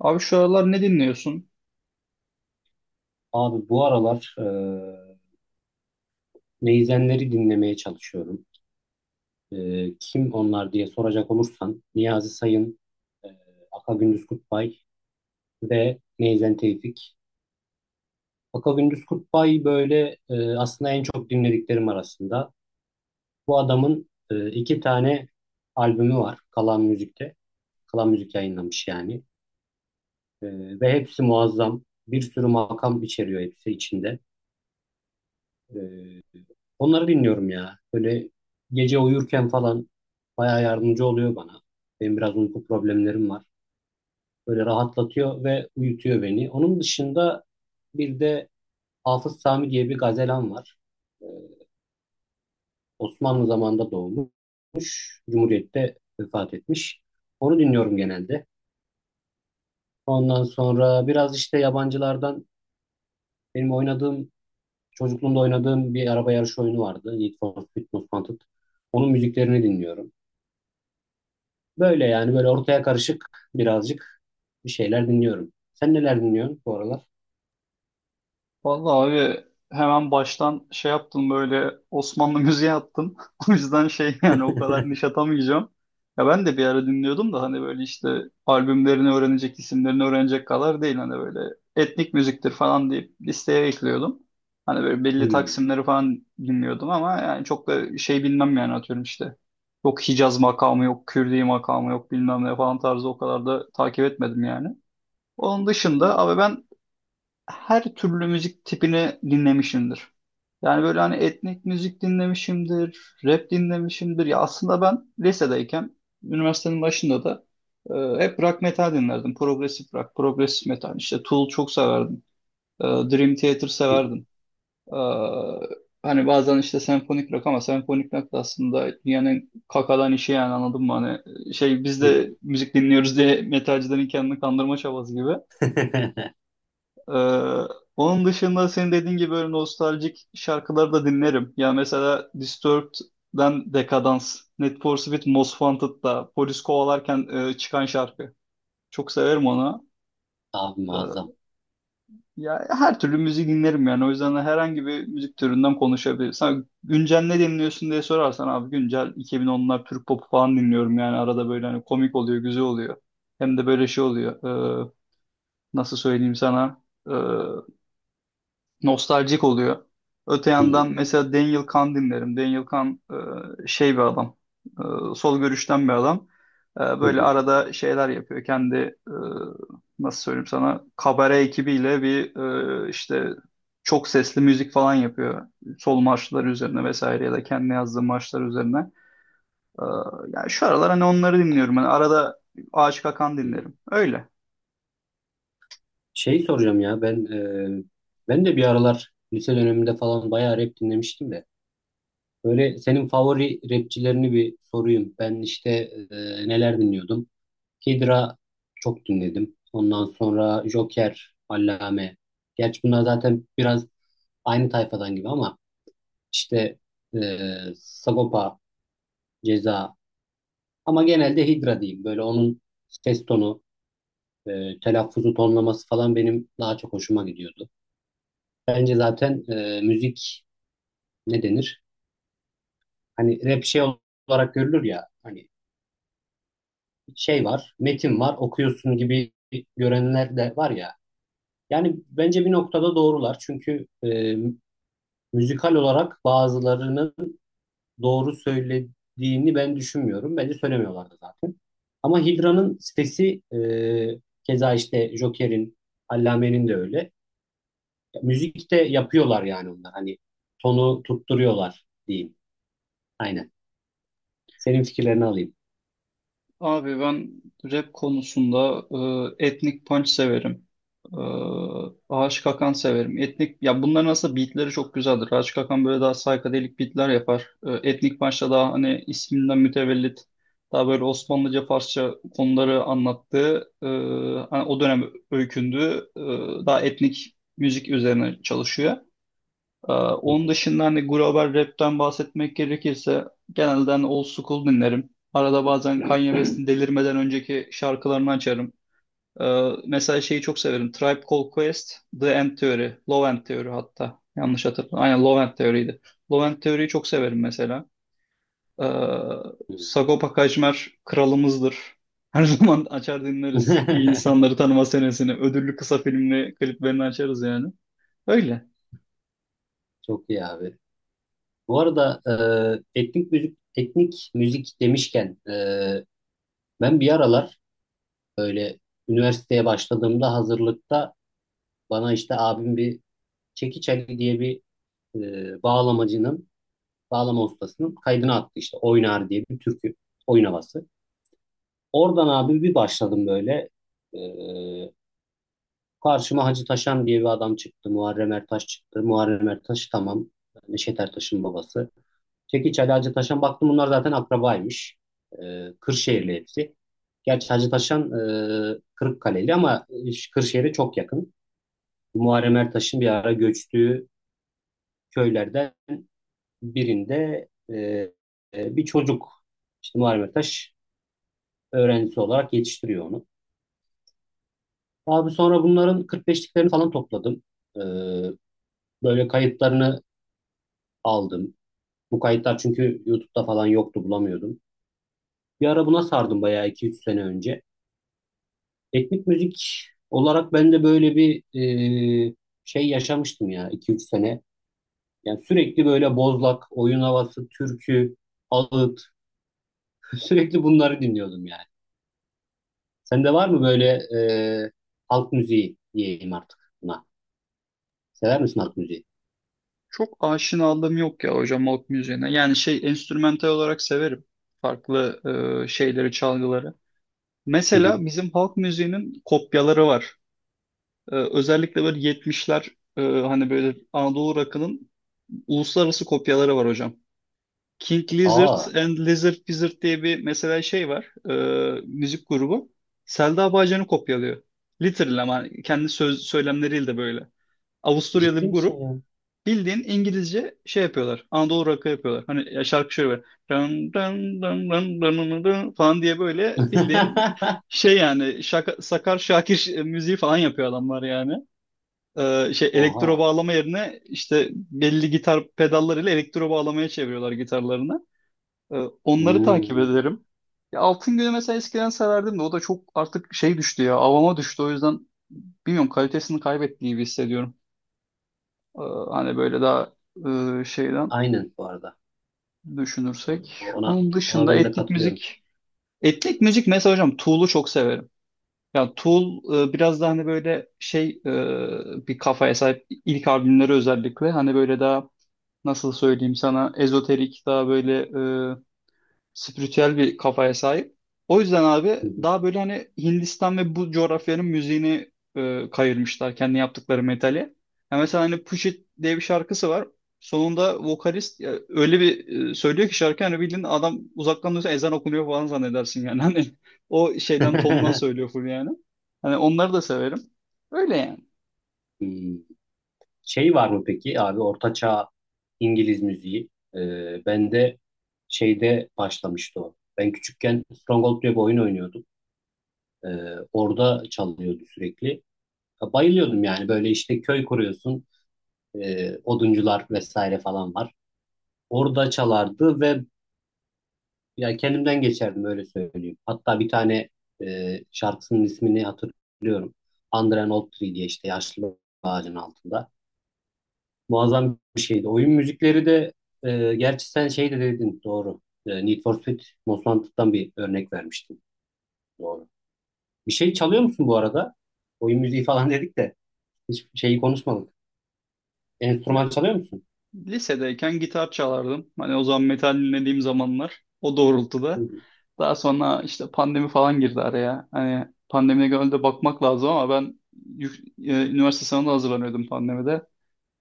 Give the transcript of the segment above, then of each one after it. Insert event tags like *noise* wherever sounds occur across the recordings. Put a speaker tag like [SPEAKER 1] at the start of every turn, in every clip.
[SPEAKER 1] Abi şu aralar ne dinliyorsun?
[SPEAKER 2] Abi bu aralar neyzenleri dinlemeye çalışıyorum. Kim onlar diye soracak olursan Niyazi Sayın, eee Aka Gündüz Kutbay ve Neyzen Tevfik. Aka Gündüz Kutbay böyle aslında en çok dinlediklerim arasında. Bu adamın iki tane albümü var Kalan Müzik'te. Kalan Müzik yayınlamış yani. Ve hepsi muazzam. Bir sürü makam içeriyor hepsi içinde. Onları dinliyorum ya. Böyle gece uyurken falan bayağı yardımcı oluyor bana. Benim biraz uyku problemlerim var. Böyle rahatlatıyor ve uyutuyor beni. Onun dışında bir de Hafız Sami diye bir gazelam var. Ee, Osmanlı zamanında doğmuş. Cumhuriyet'te vefat etmiş. Onu dinliyorum genelde. Ondan sonra biraz işte yabancılardan benim oynadığım, çocukluğumda oynadığım bir araba yarışı oyunu vardı. Need for Speed Most Wanted. Onun müziklerini dinliyorum. Böyle yani böyle ortaya karışık birazcık bir şeyler dinliyorum. Sen neler dinliyorsun bu aralar?
[SPEAKER 1] Vallahi abi hemen baştan şey yaptım böyle Osmanlı müziği attım. *laughs* O yüzden şey yani o kadar niş
[SPEAKER 2] *laughs*
[SPEAKER 1] atamayacağım. Ya ben de bir ara dinliyordum da hani böyle işte albümlerini öğrenecek, isimlerini öğrenecek kadar değil. Hani böyle etnik müziktir falan deyip listeye ekliyordum. Hani böyle belli
[SPEAKER 2] Hmm,
[SPEAKER 1] taksimleri falan dinliyordum ama yani çok da şey bilmem yani atıyorum işte. Yok Hicaz makamı, yok Kürdi makamı, yok bilmem ne falan tarzı o kadar da takip etmedim yani. Onun dışında
[SPEAKER 2] hmm,
[SPEAKER 1] abi ben her türlü müzik tipini dinlemişimdir. Yani böyle hani etnik müzik dinlemişimdir, rap dinlemişimdir. Ya aslında ben lisedeyken, üniversitenin başında da hep rock metal dinlerdim. Progresif rock, progresif metal. İşte Tool çok severdim. Dream Theater
[SPEAKER 2] hı hı,
[SPEAKER 1] severdim. E, hani bazen işte senfonik rock ama senfonik rock da aslında dünyanın kakadan işi yani anladın mı? Hani şey biz
[SPEAKER 2] hı
[SPEAKER 1] de
[SPEAKER 2] hı.
[SPEAKER 1] müzik dinliyoruz diye metalcilerin kendini kandırma çabası gibi.
[SPEAKER 2] *laughs*
[SPEAKER 1] Ee, onun dışında senin dediğin gibi böyle nostaljik şarkıları da dinlerim. Ya mesela Disturbed'den Decadence, Need for Speed Most Wanted'da polis kovalarken çıkan şarkı. Çok severim onu.
[SPEAKER 2] Abi
[SPEAKER 1] Ee,
[SPEAKER 2] muazzam.
[SPEAKER 1] ya her türlü müzik dinlerim yani. O yüzden de herhangi bir müzik türünden konuşabilirim. Sen güncel ne dinliyorsun diye sorarsan abi güncel 2010'lar Türk popu falan dinliyorum yani arada böyle hani komik oluyor, güzel oluyor. Hem de böyle şey oluyor. Ee, nasıl söyleyeyim sana? Nostaljik oluyor. Öte
[SPEAKER 2] Hmm,
[SPEAKER 1] yandan mesela Daniel Kahn dinlerim. Daniel Kahn şey bir adam, sol görüşten bir adam. E,
[SPEAKER 2] hı
[SPEAKER 1] böyle
[SPEAKER 2] hı,
[SPEAKER 1] arada şeyler yapıyor. Kendi e, nasıl söyleyeyim sana kabare ekibiyle bir işte çok sesli müzik falan yapıyor. Sol marşlar üzerine vesaire ya da kendi yazdığı marşlar üzerine. E, yani şu aralar hani onları dinliyorum. Hani
[SPEAKER 2] anladım.
[SPEAKER 1] arada Aşık Akan
[SPEAKER 2] Hı hı.
[SPEAKER 1] dinlerim. Öyle.
[SPEAKER 2] Şey soracağım ya ben, e, ben de bir aralar lise döneminde falan bayağı rap dinlemiştim de. Böyle senin favori rapçilerini bir sorayım. Ben işte neler dinliyordum? Hydra çok dinledim. Ondan sonra Joker, Allame. Gerçi bunlar zaten biraz aynı tayfadan gibi ama işte e, Sagopa, Ceza ama genelde Hydra diyeyim. Böyle onun ses tonu, telaffuzu, tonlaması falan benim daha çok hoşuma gidiyordu. Bence zaten müzik ne denir? Hani rap şey olarak görülür ya, hani şey var, metin var, okuyorsun gibi görenler de var ya. Yani bence bir noktada doğrular. Çünkü müzikal olarak bazılarının doğru söylediğini ben düşünmüyorum. Bence söylemiyorlardı zaten. Ama Hidra'nın sesi, keza işte Joker'in, Allame'nin de öyle. Müzikte yapıyorlar yani onlar. Hani tonu tutturuyorlar diyeyim. Aynen. Senin fikirlerini alayım.
[SPEAKER 1] Abi ben rap konusunda etnik punch severim. E, Ağaç Kakan severim. Etnik ya bunların aslında beatleri çok güzeldir. Ağaç Kakan böyle daha psychedelic beatler yapar. E, etnik punch'ta daha hani isminden mütevellit daha böyle Osmanlıca Farsça konuları anlattığı hani o dönem öykündüğü daha etnik müzik üzerine çalışıyor. Onun dışında hani global rapten bahsetmek gerekirse genelde hani old school dinlerim. Arada bazen Kanye West'in delirmeden önceki şarkılarını açarım. Mesela şeyi çok severim. Tribe Called Quest, The End Theory, Low End Theory hatta. Yanlış hatırlamıyorum. Aynen Low End Theory'ydi. Low End Theory'yi çok severim mesela. Ee, Sagopa Kajmer kralımızdır. Her *laughs* zaman açar dinleriz. İyi
[SPEAKER 2] *laughs*
[SPEAKER 1] insanları tanıma senesini. Ödüllü kısa filmli kliplerini açarız yani. Öyle.
[SPEAKER 2] Çok iyi abi. Bu arada etnik müzik etnik müzik demişken, ben bir aralar böyle üniversiteye başladığımda hazırlıkta bana işte abim bir Çekiç Ali diye bir bağlamacının, bağlama ustasının kaydını attı işte. Oynar diye bir türkü, oyun havası. Oradan abi bir başladım böyle. E, Karşıma Hacı Taşan diye bir adam çıktı. Muharrem Ertaş çıktı. Muharrem Ertaş tamam. Yani Neşet Ertaş'ın babası. Çekiç Ali, Hacı Taşan, baktım bunlar zaten akrabaymış. Kırşehirli hepsi. Gerçi Hacı Taşan Kırıkkaleli ama Kırşehir'e çok yakın. Muharrem Ertaş'ın bir ara göçtüğü köylerden birinde bir çocuk işte Muharrem Ertaş öğrencisi olarak yetiştiriyor onu. Abi sonra bunların 45'liklerini falan topladım. E, Böyle kayıtlarını aldım. Bu kayıtlar çünkü YouTube'da falan yoktu, bulamıyordum. Bir ara buna sardım bayağı iki üç sene önce. Etnik müzik olarak ben de böyle bir e, şey yaşamıştım ya iki üç sene. Yani sürekli böyle bozlak, oyun havası, türkü, ağıt, sürekli bunları dinliyordum yani. Sende var mı böyle e, halk müziği diyeyim artık buna. Sever misin halk müziği?
[SPEAKER 1] Çok aşinalığım yok ya hocam halk müziğine. Yani şey enstrümantal olarak severim. Farklı şeyleri, çalgıları.
[SPEAKER 2] Hı hı.
[SPEAKER 1] Mesela bizim halk müziğinin kopyaları var. Özellikle böyle 70'ler hani böyle Anadolu rock'ının uluslararası kopyaları var hocam. King Lizard
[SPEAKER 2] Aa,
[SPEAKER 1] and Lizard Wizard diye bir mesela şey var. Müzik grubu. Selda Bağcan'ı kopyalıyor. Literally ama kendi söz, söylemleriyle de böyle. Avusturyalı
[SPEAKER 2] ciddi
[SPEAKER 1] bir
[SPEAKER 2] misin
[SPEAKER 1] grup.
[SPEAKER 2] ya?
[SPEAKER 1] Bildiğin İngilizce şey yapıyorlar. Anadolu rock'ı yapıyorlar. Hani ya şarkı şöyle böyle. Dın dın dın dın dın dın dın falan diye böyle bildiğin
[SPEAKER 2] *laughs*
[SPEAKER 1] şey yani şaka, Sakar Şakir müziği falan yapıyor adamlar yani. Şey elektro
[SPEAKER 2] Oha.
[SPEAKER 1] bağlama yerine işte belli gitar pedallarıyla elektro bağlamaya çeviriyorlar gitarlarını. Ee, onları takip
[SPEAKER 2] Hmm.
[SPEAKER 1] ederim. Ya Altın Günü mesela eskiden severdim de o da çok artık şey düştü ya avama düştü o yüzden bilmiyorum kalitesini kaybettiği gibi hissediyorum. Ee, hani böyle daha şeyden
[SPEAKER 2] Aynen bu arada.
[SPEAKER 1] düşünürsek.
[SPEAKER 2] Ona
[SPEAKER 1] Onun
[SPEAKER 2] Ona
[SPEAKER 1] dışında
[SPEAKER 2] ben de
[SPEAKER 1] etnik
[SPEAKER 2] katılıyorum.
[SPEAKER 1] müzik. Etnik müzik mesela hocam Tool'u çok severim. Ya Tool biraz da hani böyle şey bir kafaya sahip ilk albümleri özellikle hani böyle daha nasıl söyleyeyim sana ezoterik daha böyle e, spiritüel bir kafaya sahip. O yüzden abi
[SPEAKER 2] Hı hı.
[SPEAKER 1] daha böyle hani Hindistan ve bu coğrafyanın müziğini kayırmışlar kendi yaptıkları metali. Ya mesela hani Push It diye bir şarkısı var. Sonunda vokalist ya, öyle bir söylüyor ki şarkı hani bildiğin adam uzaktan duysa ezan okunuyor falan zannedersin yani. *laughs* Hani o şeyden tondan
[SPEAKER 2] *laughs*
[SPEAKER 1] söylüyor full yani. Hani onları da severim. Öyle yani.
[SPEAKER 2] Hmm. Şey var mı peki abi ortaçağ İngiliz müziği? Ben de şeyde başlamıştı o. Ben küçükken Stronghold diye bir oyun oynuyordum. Ee, Orada çalıyordu sürekli. Bayılıyordum yani, böyle işte köy kuruyorsun, oduncular vesaire falan var. Orada çalardı ve ya kendimden geçerdim öyle söyleyeyim. Hatta bir tane şarkısının ismini hatırlıyorum. Under an Old Tree diye, işte yaşlı ağacın altında. Muazzam bir şeydi. Oyun müzikleri de gerçi sen şey de dedin, doğru. Need for Speed Most Wanted'dan bir örnek vermiştin. Doğru. Bir şey çalıyor musun bu arada? Oyun müziği falan *laughs* dedik de hiç şeyi konuşmadık. Enstrüman çalıyor musun?
[SPEAKER 1] Lisedeyken gitar çalardım. Hani o zaman metal dinlediğim zamanlar o doğrultuda. Daha sonra işte pandemi falan girdi araya. Hani pandemide gönülde bakmak lazım ama ben üniversite sınavına hazırlanıyordum pandemide.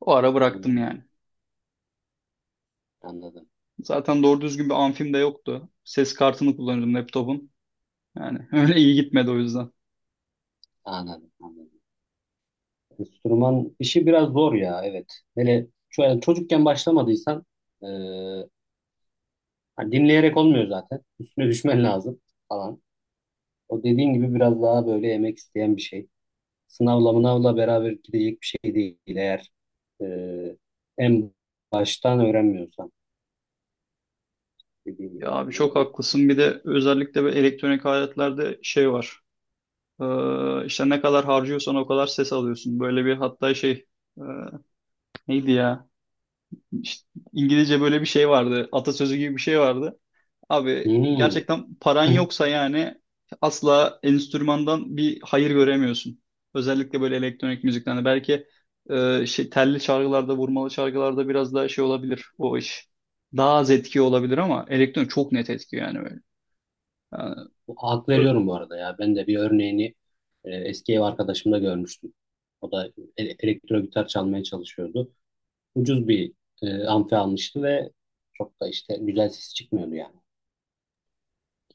[SPEAKER 1] O ara bıraktım
[SPEAKER 2] Hmm,
[SPEAKER 1] yani.
[SPEAKER 2] anladım.
[SPEAKER 1] Zaten doğru düzgün bir amfim de yoktu. Ses kartını kullanıyordum laptopun. Yani *laughs* öyle iyi gitmedi o yüzden.
[SPEAKER 2] Anladım. Anladım. Enstrüman işi biraz zor ya, evet. Hele çocukken başlamadıysan, e, hani dinleyerek olmuyor zaten. Üstüne düşmen lazım falan. O dediğin gibi biraz daha böyle emek isteyen bir şey. Sınavla mınavla beraber gidecek bir şey değil, eğer e, en baştan öğrenmiyorsan, dediğin gibi
[SPEAKER 1] Ya abi
[SPEAKER 2] aynen
[SPEAKER 1] çok
[SPEAKER 2] öyle.
[SPEAKER 1] haklısın. Bir de özellikle böyle elektronik aletlerde şey var. İşte ne kadar harcıyorsan o kadar ses alıyorsun. Böyle bir hatta şey e, neydi ya? İşte İngilizce böyle bir şey vardı. Atasözü gibi bir şey vardı. Abi
[SPEAKER 2] Hmm.
[SPEAKER 1] gerçekten paran
[SPEAKER 2] *laughs*
[SPEAKER 1] yoksa yani asla enstrümandan bir hayır göremiyorsun. Özellikle böyle elektronik müziklerde. Belki şey, telli çalgılarda, vurmalı çalgılarda biraz daha şey olabilir o iş. Daha az etki olabilir ama elektronik çok net etki yani böyle. Yani
[SPEAKER 2] Hak
[SPEAKER 1] ö-
[SPEAKER 2] veriyorum bu arada ya. Ben de bir örneğini eski ev arkadaşımda görmüştüm. O da elektro gitar çalmaya çalışıyordu. Ucuz bir amfi almıştı ve çok da işte güzel ses çıkmıyordu yani.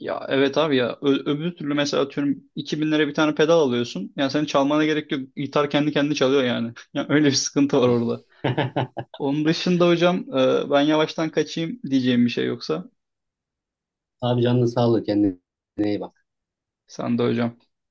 [SPEAKER 1] ya evet abi ya öbür türlü mesela atıyorum 2000 lira bir tane pedal alıyorsun. Yani senin çalmana gerek yok. Gitar kendi kendine çalıyor yani. *laughs* Ya öyle bir sıkıntı var orada.
[SPEAKER 2] *laughs*
[SPEAKER 1] Onun dışında hocam ben yavaştan kaçayım diyeceğim bir şey yoksa.
[SPEAKER 2] Abi canına sağlık. Kendine iyi bak.
[SPEAKER 1] Sen de hocam.